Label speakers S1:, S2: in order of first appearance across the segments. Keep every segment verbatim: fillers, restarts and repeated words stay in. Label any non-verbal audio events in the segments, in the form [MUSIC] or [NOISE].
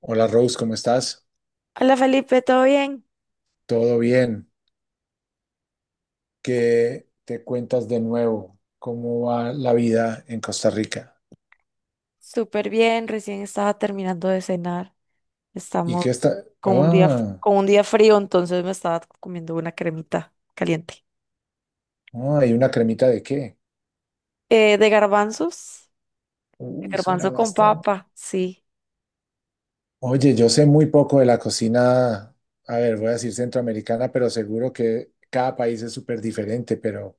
S1: Hola Rose, ¿cómo estás?
S2: Hola Felipe, ¿todo bien?
S1: ¿Todo bien? ¿Qué te cuentas de nuevo? ¿Cómo va la vida en Costa Rica?
S2: Súper bien, recién estaba terminando de cenar.
S1: ¿Y
S2: Estamos
S1: qué está?
S2: con un día, f-
S1: Ah,
S2: con un día frío, entonces me estaba comiendo una cremita caliente.
S1: ah, ¿y una cremita de qué?
S2: Eh, de garbanzos, de
S1: Uy, suena
S2: garbanzo con
S1: bastante.
S2: papa, sí.
S1: Oye, yo sé muy poco de la cocina, a ver, voy a decir centroamericana, pero seguro que cada país es súper diferente, pero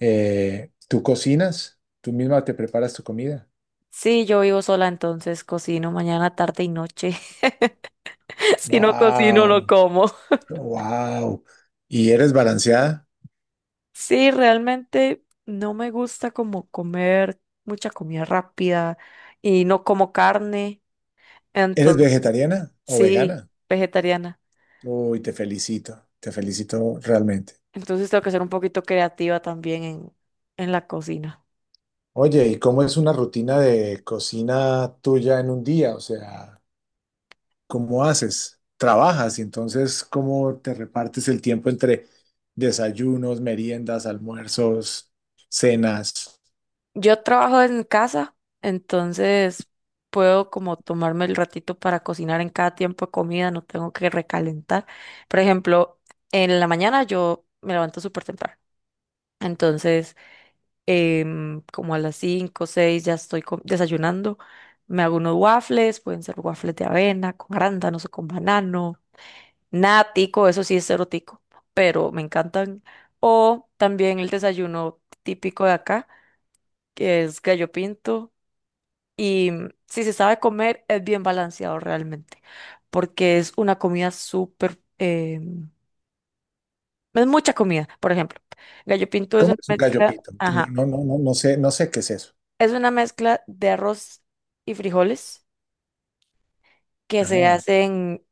S1: eh, ¿tú cocinas? ¿Tú misma te preparas tu comida?
S2: Sí, yo vivo sola, entonces cocino mañana, tarde y noche. [LAUGHS] Si no cocino, no
S1: Wow,
S2: como.
S1: wow. ¿Y eres balanceada?
S2: Sí, realmente no me gusta como comer mucha comida rápida y no como carne,
S1: ¿Eres
S2: entonces
S1: vegetariana o
S2: sí,
S1: vegana?
S2: vegetariana.
S1: Uy, te felicito, te felicito realmente.
S2: Entonces tengo que ser un poquito creativa también en, en la cocina.
S1: Oye, ¿y cómo es una rutina de cocina tuya en un día? O sea, ¿cómo haces? ¿Trabajas? Y entonces, ¿cómo te repartes el tiempo entre desayunos, meriendas, almuerzos, cenas?
S2: Yo trabajo en casa, entonces puedo como tomarme el ratito para cocinar en cada tiempo de comida, no tengo que recalentar. Por ejemplo, en la mañana yo me levanto súper temprano. Entonces, em, como a las cinco, o seis ya estoy co- desayunando. Me hago unos waffles, pueden ser waffles de avena, con arándanos o con banano. Nada tico, eso sí es cero tico, pero me encantan. O también el desayuno típico de acá, que es gallo pinto. Y mm, si se sabe comer, es bien balanceado realmente, porque es una comida súper, eh, es mucha comida. Por ejemplo, gallo pinto es
S1: ¿Cómo
S2: una
S1: es un
S2: mezcla,
S1: gallopito?
S2: ajá,
S1: No, no, no, no, no sé, no sé qué es eso.
S2: es una mezcla de arroz y frijoles que se
S1: Ah,
S2: hacen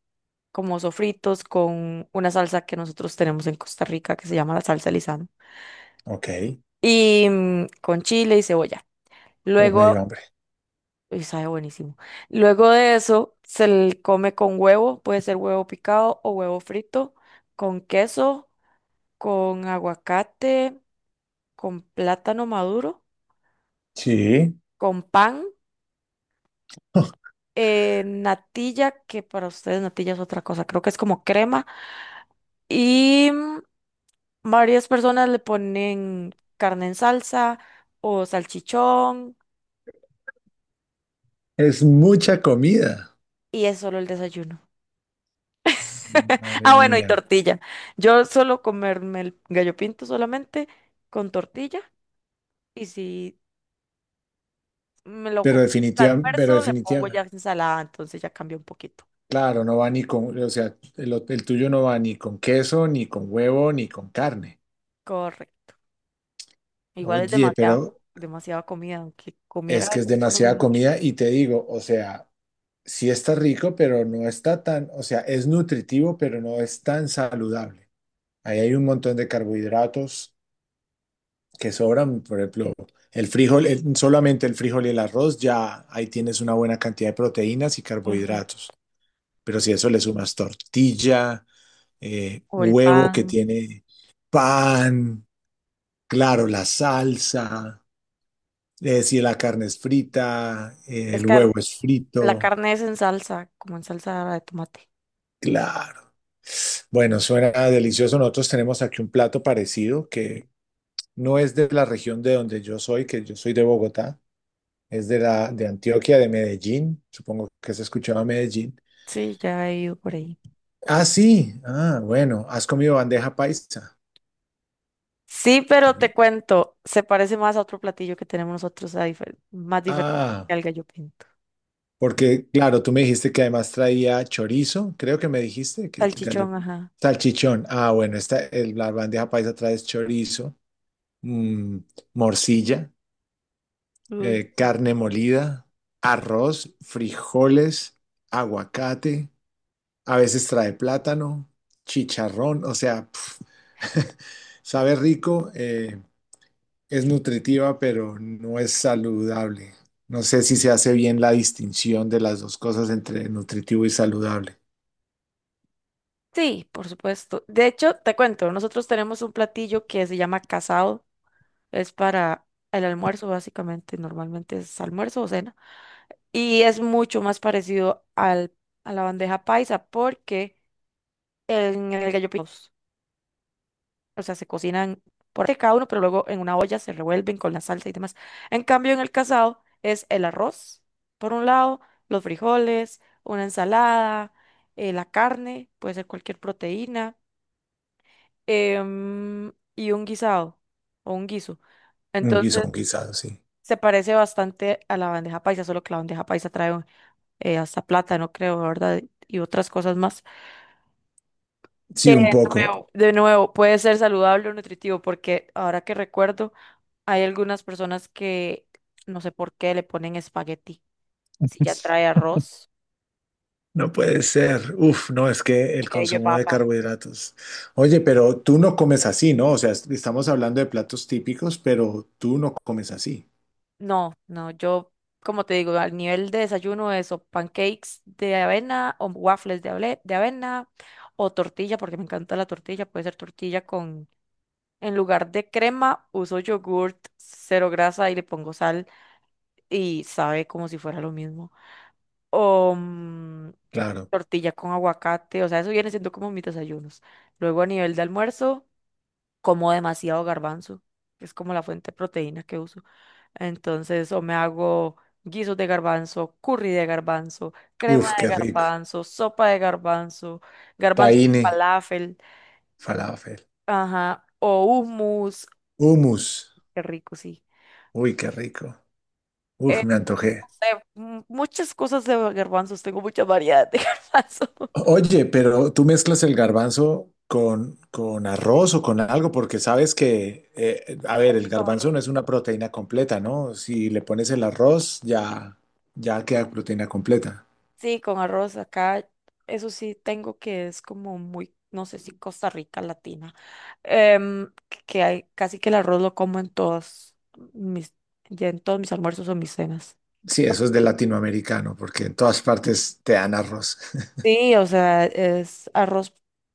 S2: como sofritos con una salsa que nosotros tenemos en Costa Rica que se llama la salsa Lizano.
S1: ok.
S2: Y mm, con chile y cebolla.
S1: Oh, me
S2: Luego,
S1: dio hambre.
S2: y sabe buenísimo. Luego de eso, se le come con huevo, puede ser huevo picado o huevo frito, con queso, con aguacate, con plátano maduro,
S1: Sí,
S2: con pan, eh, natilla, que para ustedes natilla es otra cosa, creo que es como crema, y mm, varias personas le ponen carne en salsa o salchichón,
S1: es mucha comida.
S2: y es solo el desayuno. [LAUGHS]
S1: Madre
S2: Ah, bueno, y
S1: mía.
S2: tortilla. Yo suelo comerme el gallo pinto solamente con tortilla, y si me lo
S1: Pero
S2: como al
S1: definitiva, pero
S2: almuerzo le pongo ya
S1: definitiva.
S2: ensalada, entonces ya cambia un poquito.
S1: Claro, no va ni con, o sea, el, o- el tuyo no va ni con queso, ni con huevo, ni con carne.
S2: Correcto. Igual es
S1: Oye,
S2: demasiada,
S1: pero
S2: demasiada comida, aunque
S1: es
S2: comiera
S1: que es
S2: esas cosas es
S1: demasiada
S2: mucho.
S1: comida y te digo, o sea, sí está rico, pero no está tan, o sea, es nutritivo, pero no es tan saludable. Ahí hay un montón de carbohidratos que sobran, por ejemplo, el frijol, el- solamente el frijol y el arroz, ya ahí tienes una buena cantidad de proteínas y
S2: Ujú.
S1: carbohidratos. Pero si a eso le sumas tortilla, eh,
S2: O el
S1: huevo que
S2: pan.
S1: tiene pan, claro, la salsa, eh, si la carne es frita, eh,
S2: Es
S1: el huevo
S2: car-
S1: es
S2: la
S1: frito,
S2: carne es en salsa, como en salsa de tomate.
S1: claro. Bueno, suena delicioso. Nosotros tenemos aquí un plato parecido que no es de la región de donde yo soy, que yo soy de Bogotá, es de la de Antioquia, de Medellín. Supongo que se escuchaba Medellín.
S2: Sí, ya he ido por ahí.
S1: Ah, sí. Ah, bueno, ¿has comido bandeja paisa?
S2: Sí, pero te
S1: Comí.
S2: cuento, se parece más a otro platillo que tenemos nosotros a difer- más diferente
S1: Ah.
S2: al gallo pinto.
S1: Porque, claro, tú me dijiste que además traía chorizo, creo que me dijiste que el gallo
S2: Salchichón, ajá.
S1: salchichón. Ah, bueno, esta, el- la bandeja paisa trae chorizo, mm, morcilla,
S2: Uy.
S1: eh, carne molida, arroz, frijoles, aguacate, a veces trae plátano, chicharrón, o sea, pf, [LAUGHS] sabe rico. Eh, es nutritiva, pero no es saludable. No sé si se hace bien la distinción de las dos cosas entre nutritivo y saludable.
S2: Sí, por supuesto. De hecho, te cuento, nosotros tenemos un platillo que se llama casado. Es para el almuerzo, básicamente. Normalmente es almuerzo o cena. Y es mucho más parecido al, a la bandeja paisa, porque en el gallo pinto, o sea, se cocinan por aparte cada uno, pero luego en una olla se revuelven con la salsa y demás. En cambio, en el casado es el arroz, por un lado, los frijoles, una ensalada, eh, la carne, puede ser cualquier proteína, em, y un guisado o un guiso.
S1: Un guiso,
S2: Entonces,
S1: un guisado, sí.
S2: se parece bastante a la bandeja paisa, solo que la bandeja paisa trae un- eh, hasta plátano, creo, ¿verdad? Y otras cosas más. Que
S1: Sí, un
S2: de
S1: poco.
S2: nuevo, de nuevo, puede ser saludable o nutritivo, porque ahora que recuerdo, hay algunas personas que no sé por qué le ponen espagueti. Si ya
S1: [LAUGHS]
S2: trae arroz,
S1: No
S2: eh,
S1: puede ser. Uf, no, es que el
S2: picadillo de
S1: consumo de
S2: papa.
S1: carbohidratos. Oye, pero tú no comes así, ¿no? O sea, est- estamos hablando de platos típicos, pero tú no comes así.
S2: No, no, yo, como te digo, al nivel de desayuno, eso, pancakes de avena o waffles de, able- de avena o tortilla, porque me encanta la tortilla, puede ser tortilla con, en lugar de crema, uso yogurt, cero grasa y le pongo sal y sabe como si fuera lo mismo. O mm,
S1: Claro.
S2: tortilla con aguacate, o sea, eso viene siendo como mis desayunos. Luego a nivel de almuerzo como demasiado garbanzo, que es como la fuente de proteína que uso. Entonces, o me hago guisos de garbanzo, curry de garbanzo, crema
S1: Uf,
S2: de
S1: qué rico.
S2: garbanzo, sopa de garbanzo, garbanzo con
S1: Tahine,
S2: falafel,
S1: falafel,
S2: ajá, o hummus,
S1: hummus.
S2: qué rico, sí.
S1: Uy, qué rico.
S2: Eh,
S1: Uf, me
S2: no
S1: antojé.
S2: sé, m- muchas cosas de garbanzos, tengo mucha variedad de [LAUGHS] garbanzo.
S1: Oye, pero tú mezclas el garbanzo con, con arroz o con algo, porque sabes que, eh, a ver,
S2: Así
S1: el
S2: con
S1: garbanzo
S2: arroz.
S1: no es una proteína completa, ¿no? Si le pones el arroz, ya, ya queda proteína completa.
S2: Sí, con arroz acá, eso sí tengo que es como muy, no sé si Costa Rica latina, em, que hay casi que el arroz lo como en todos mis, ya en todos mis almuerzos o mis cenas.
S1: Sí, eso es de latinoamericano, porque en todas partes te dan arroz. [LAUGHS]
S2: Sí, o sea, es arroz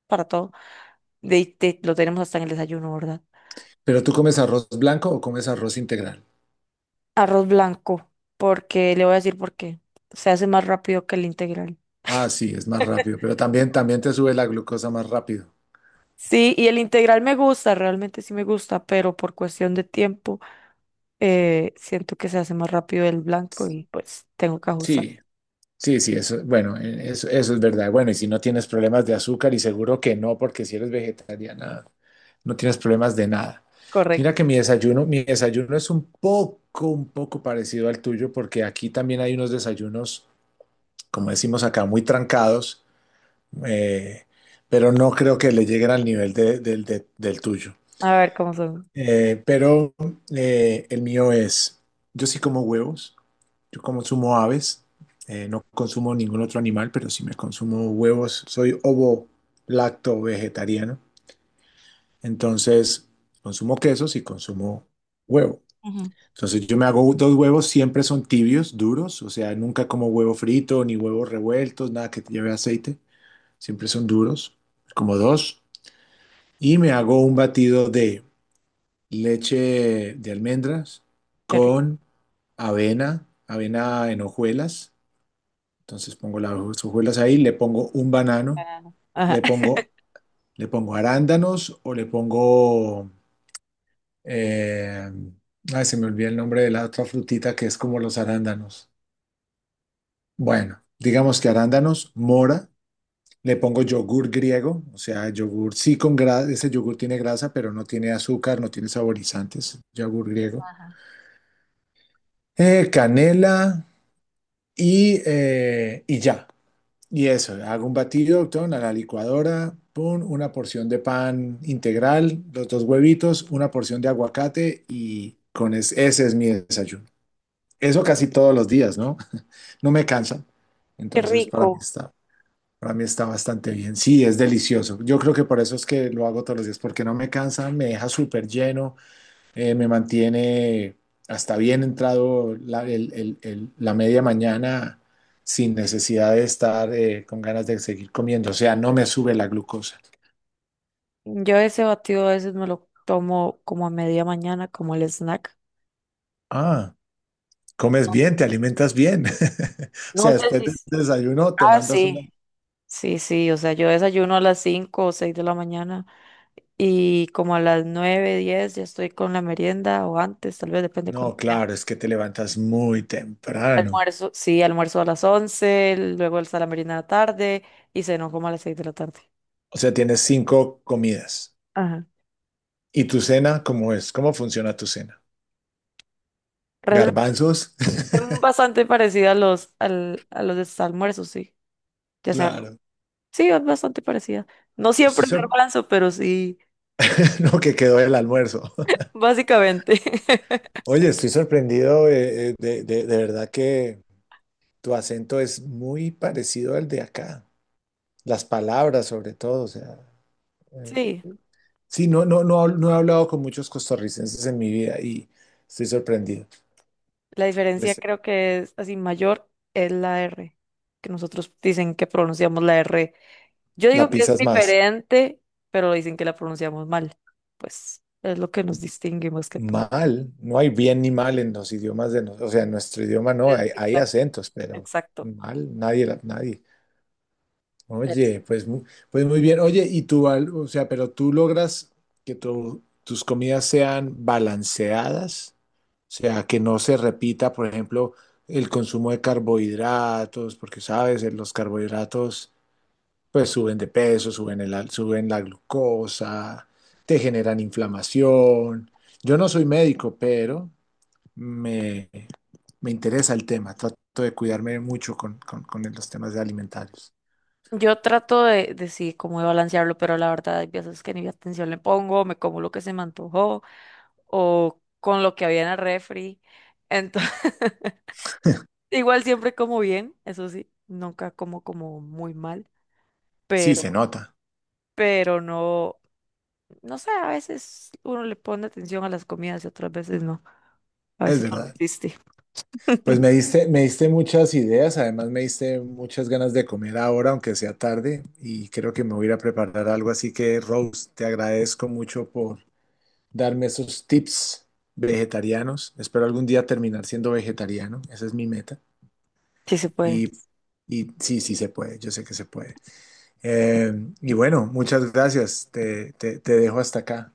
S2: para todo. De, de- lo tenemos hasta en el desayuno, ¿verdad?
S1: ¿Pero tú comes arroz blanco o comes arroz integral?
S2: Arroz blanco, porque le voy a decir por qué. Se hace más rápido que el integral.
S1: Ah, sí, es más rápido, pero también, también te sube la glucosa más rápido.
S2: Sí, y el integral me gusta, realmente sí me gusta, pero por cuestión de tiempo, eh, siento que se hace más rápido el blanco y pues tengo que ajustar.
S1: Sí, sí, sí, eso, bueno, eh, eso, eso es verdad. Bueno, y si no tienes problemas de azúcar, y seguro que no, porque si eres vegetariana, no tienes problemas de nada. Mira
S2: Correcto.
S1: que mi desayuno, mi desayuno es un poco, un poco parecido al tuyo, porque aquí también hay unos desayunos, como decimos acá, muy trancados, eh, pero no creo que le lleguen al nivel de- del de- del tuyo.
S2: A ver cómo son.
S1: Eh, pero eh, el mío es, yo sí como huevos. Yo como consumo aves, eh, no consumo ningún otro animal, pero sí me consumo huevos. Soy ovo lacto vegetariano. Entonces, consumo quesos y consumo huevo.
S2: Ujú.
S1: Entonces, yo me hago dos huevos, siempre son tibios, duros. O sea, nunca como huevo frito ni huevos revueltos, nada que lleve aceite. Siempre son duros, como dos. Y me hago un batido de leche de almendras
S2: Qué rico.
S1: con avena, avena en hojuelas. Entonces pongo las hojuelas ahí, le pongo un banano,
S2: Banano. Ajá.
S1: le pongo, le pongo arándanos o le pongo, eh, ay, se me olvida el nombre de la otra frutita que es como los arándanos. Bueno, digamos que arándanos, mora, le pongo yogur griego, o sea, yogur sí con grasa, ese yogur tiene grasa, pero no tiene azúcar, no tiene saborizantes, yogur griego,
S2: Ajá.
S1: Eh, canela y, eh, y ya. Y eso, hago un batido, doctor, a la licuadora, pum, una porción de pan integral, los dos huevitos, una porción de aguacate y con es- ese es mi desayuno. Eso casi todos los días, ¿no? [LAUGHS] No me cansa.
S2: [LAUGHS] Qué
S1: Entonces, para mí
S2: rico.
S1: está, para mí está bastante bien. Sí, es delicioso. Yo creo que por eso es que lo hago todos los días, porque no me cansa, me deja súper lleno eh, me mantiene hasta bien entrado la, el- el- el- la media mañana sin necesidad de estar eh, con ganas de seguir comiendo. O sea, no me sube la glucosa.
S2: Yo ese batido a veces me lo tomo como a media mañana, como el snack.
S1: Ah, comes bien, te alimentas bien. [LAUGHS] O
S2: No
S1: sea,
S2: sé
S1: después
S2: si.
S1: del
S2: s-
S1: desayuno te
S2: Ah,
S1: mandas una...
S2: sí. Sí, sí, o sea, yo desayuno a las cinco o seis de la mañana y como a las nueve, diez ya estoy con la merienda o antes, tal vez depende
S1: No,
S2: cuándo sea.
S1: claro, es que te levantas muy temprano.
S2: Almuerzo, sí, almuerzo a las once, luego está la merienda de la tarde y cenó como a las seis de la tarde.
S1: O sea, tienes cinco comidas.
S2: Ajá.
S1: ¿Y tu cena cómo es? ¿Cómo funciona tu cena?
S2: Realmente
S1: ¿Garbanzos? [LAUGHS]
S2: bastante parecida a los, al- a los de sus almuerzos, sí. Ya sabes.
S1: Claro.
S2: Sí, es bastante parecida. No siempre
S1: Estoy
S2: me
S1: sor-
S2: alcanzo, pero sí,
S1: [LAUGHS] lo que quedó el almuerzo.
S2: básicamente. [LAUGHS]
S1: Oye, estoy sorprendido eh, eh, de, de- de verdad que tu acento es muy parecido al de acá. Las palabras, sobre todo. O sea, eh,
S2: Sí.
S1: sí, no, no, no, no he hablado con muchos costarricenses en mi vida y estoy sorprendido.
S2: La diferencia
S1: Pues,
S2: creo que es así mayor es la R, que nosotros dicen que pronunciamos la R. Yo digo
S1: la
S2: que es
S1: pisas más
S2: diferente, pero dicen que la pronunciamos mal. Pues es lo que nos distingue más que todo.
S1: mal. No hay bien ni mal en los idiomas de nosotros. O sea, en nuestro idioma no,
S2: Eh,
S1: hay, hay
S2: Exacto,
S1: acentos, pero
S2: exacto.
S1: mal, nadie, la- nadie.
S2: Pero sí.
S1: Oye, pues, mu- pues muy bien. Oye, y tú, Val, o sea, pero tú logras que tu- tus comidas sean balanceadas, o sea, que no se repita, por ejemplo, el consumo de carbohidratos, porque sabes, eh, los carbohidratos pues suben de peso, suben el, al- suben la glucosa, te generan inflamación. Yo no soy médico, pero me, me interesa el tema. Trato de cuidarme mucho con, con, con los temas de alimentarios.
S2: Yo trato de, de sí, como de balancearlo, pero la verdad hay veces que ni atención le pongo, me como lo que se me antojó o con lo que había en el refri. Entonces, [LAUGHS] igual siempre como bien, eso sí, nunca como como muy mal.
S1: Sí, se nota,
S2: Pero no, no sé, a veces uno le pone atención a las comidas y otras veces no. A
S1: es
S2: veces solo
S1: verdad.
S2: existe.
S1: Pues me diste, me diste muchas ideas, además me diste muchas ganas de comer ahora, aunque sea tarde, y creo que me voy a ir a preparar algo, así que Rose, te agradezco mucho por darme esos tips vegetarianos. Espero algún día terminar siendo vegetariano, esa es mi meta.
S2: Sí se puede.
S1: Y, y sí, sí se puede, yo sé que se puede. Eh, y bueno, muchas gracias, te, te te dejo hasta acá.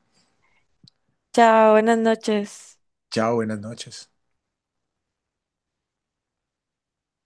S2: Chao, buenas noches.
S1: Chao, buenas noches.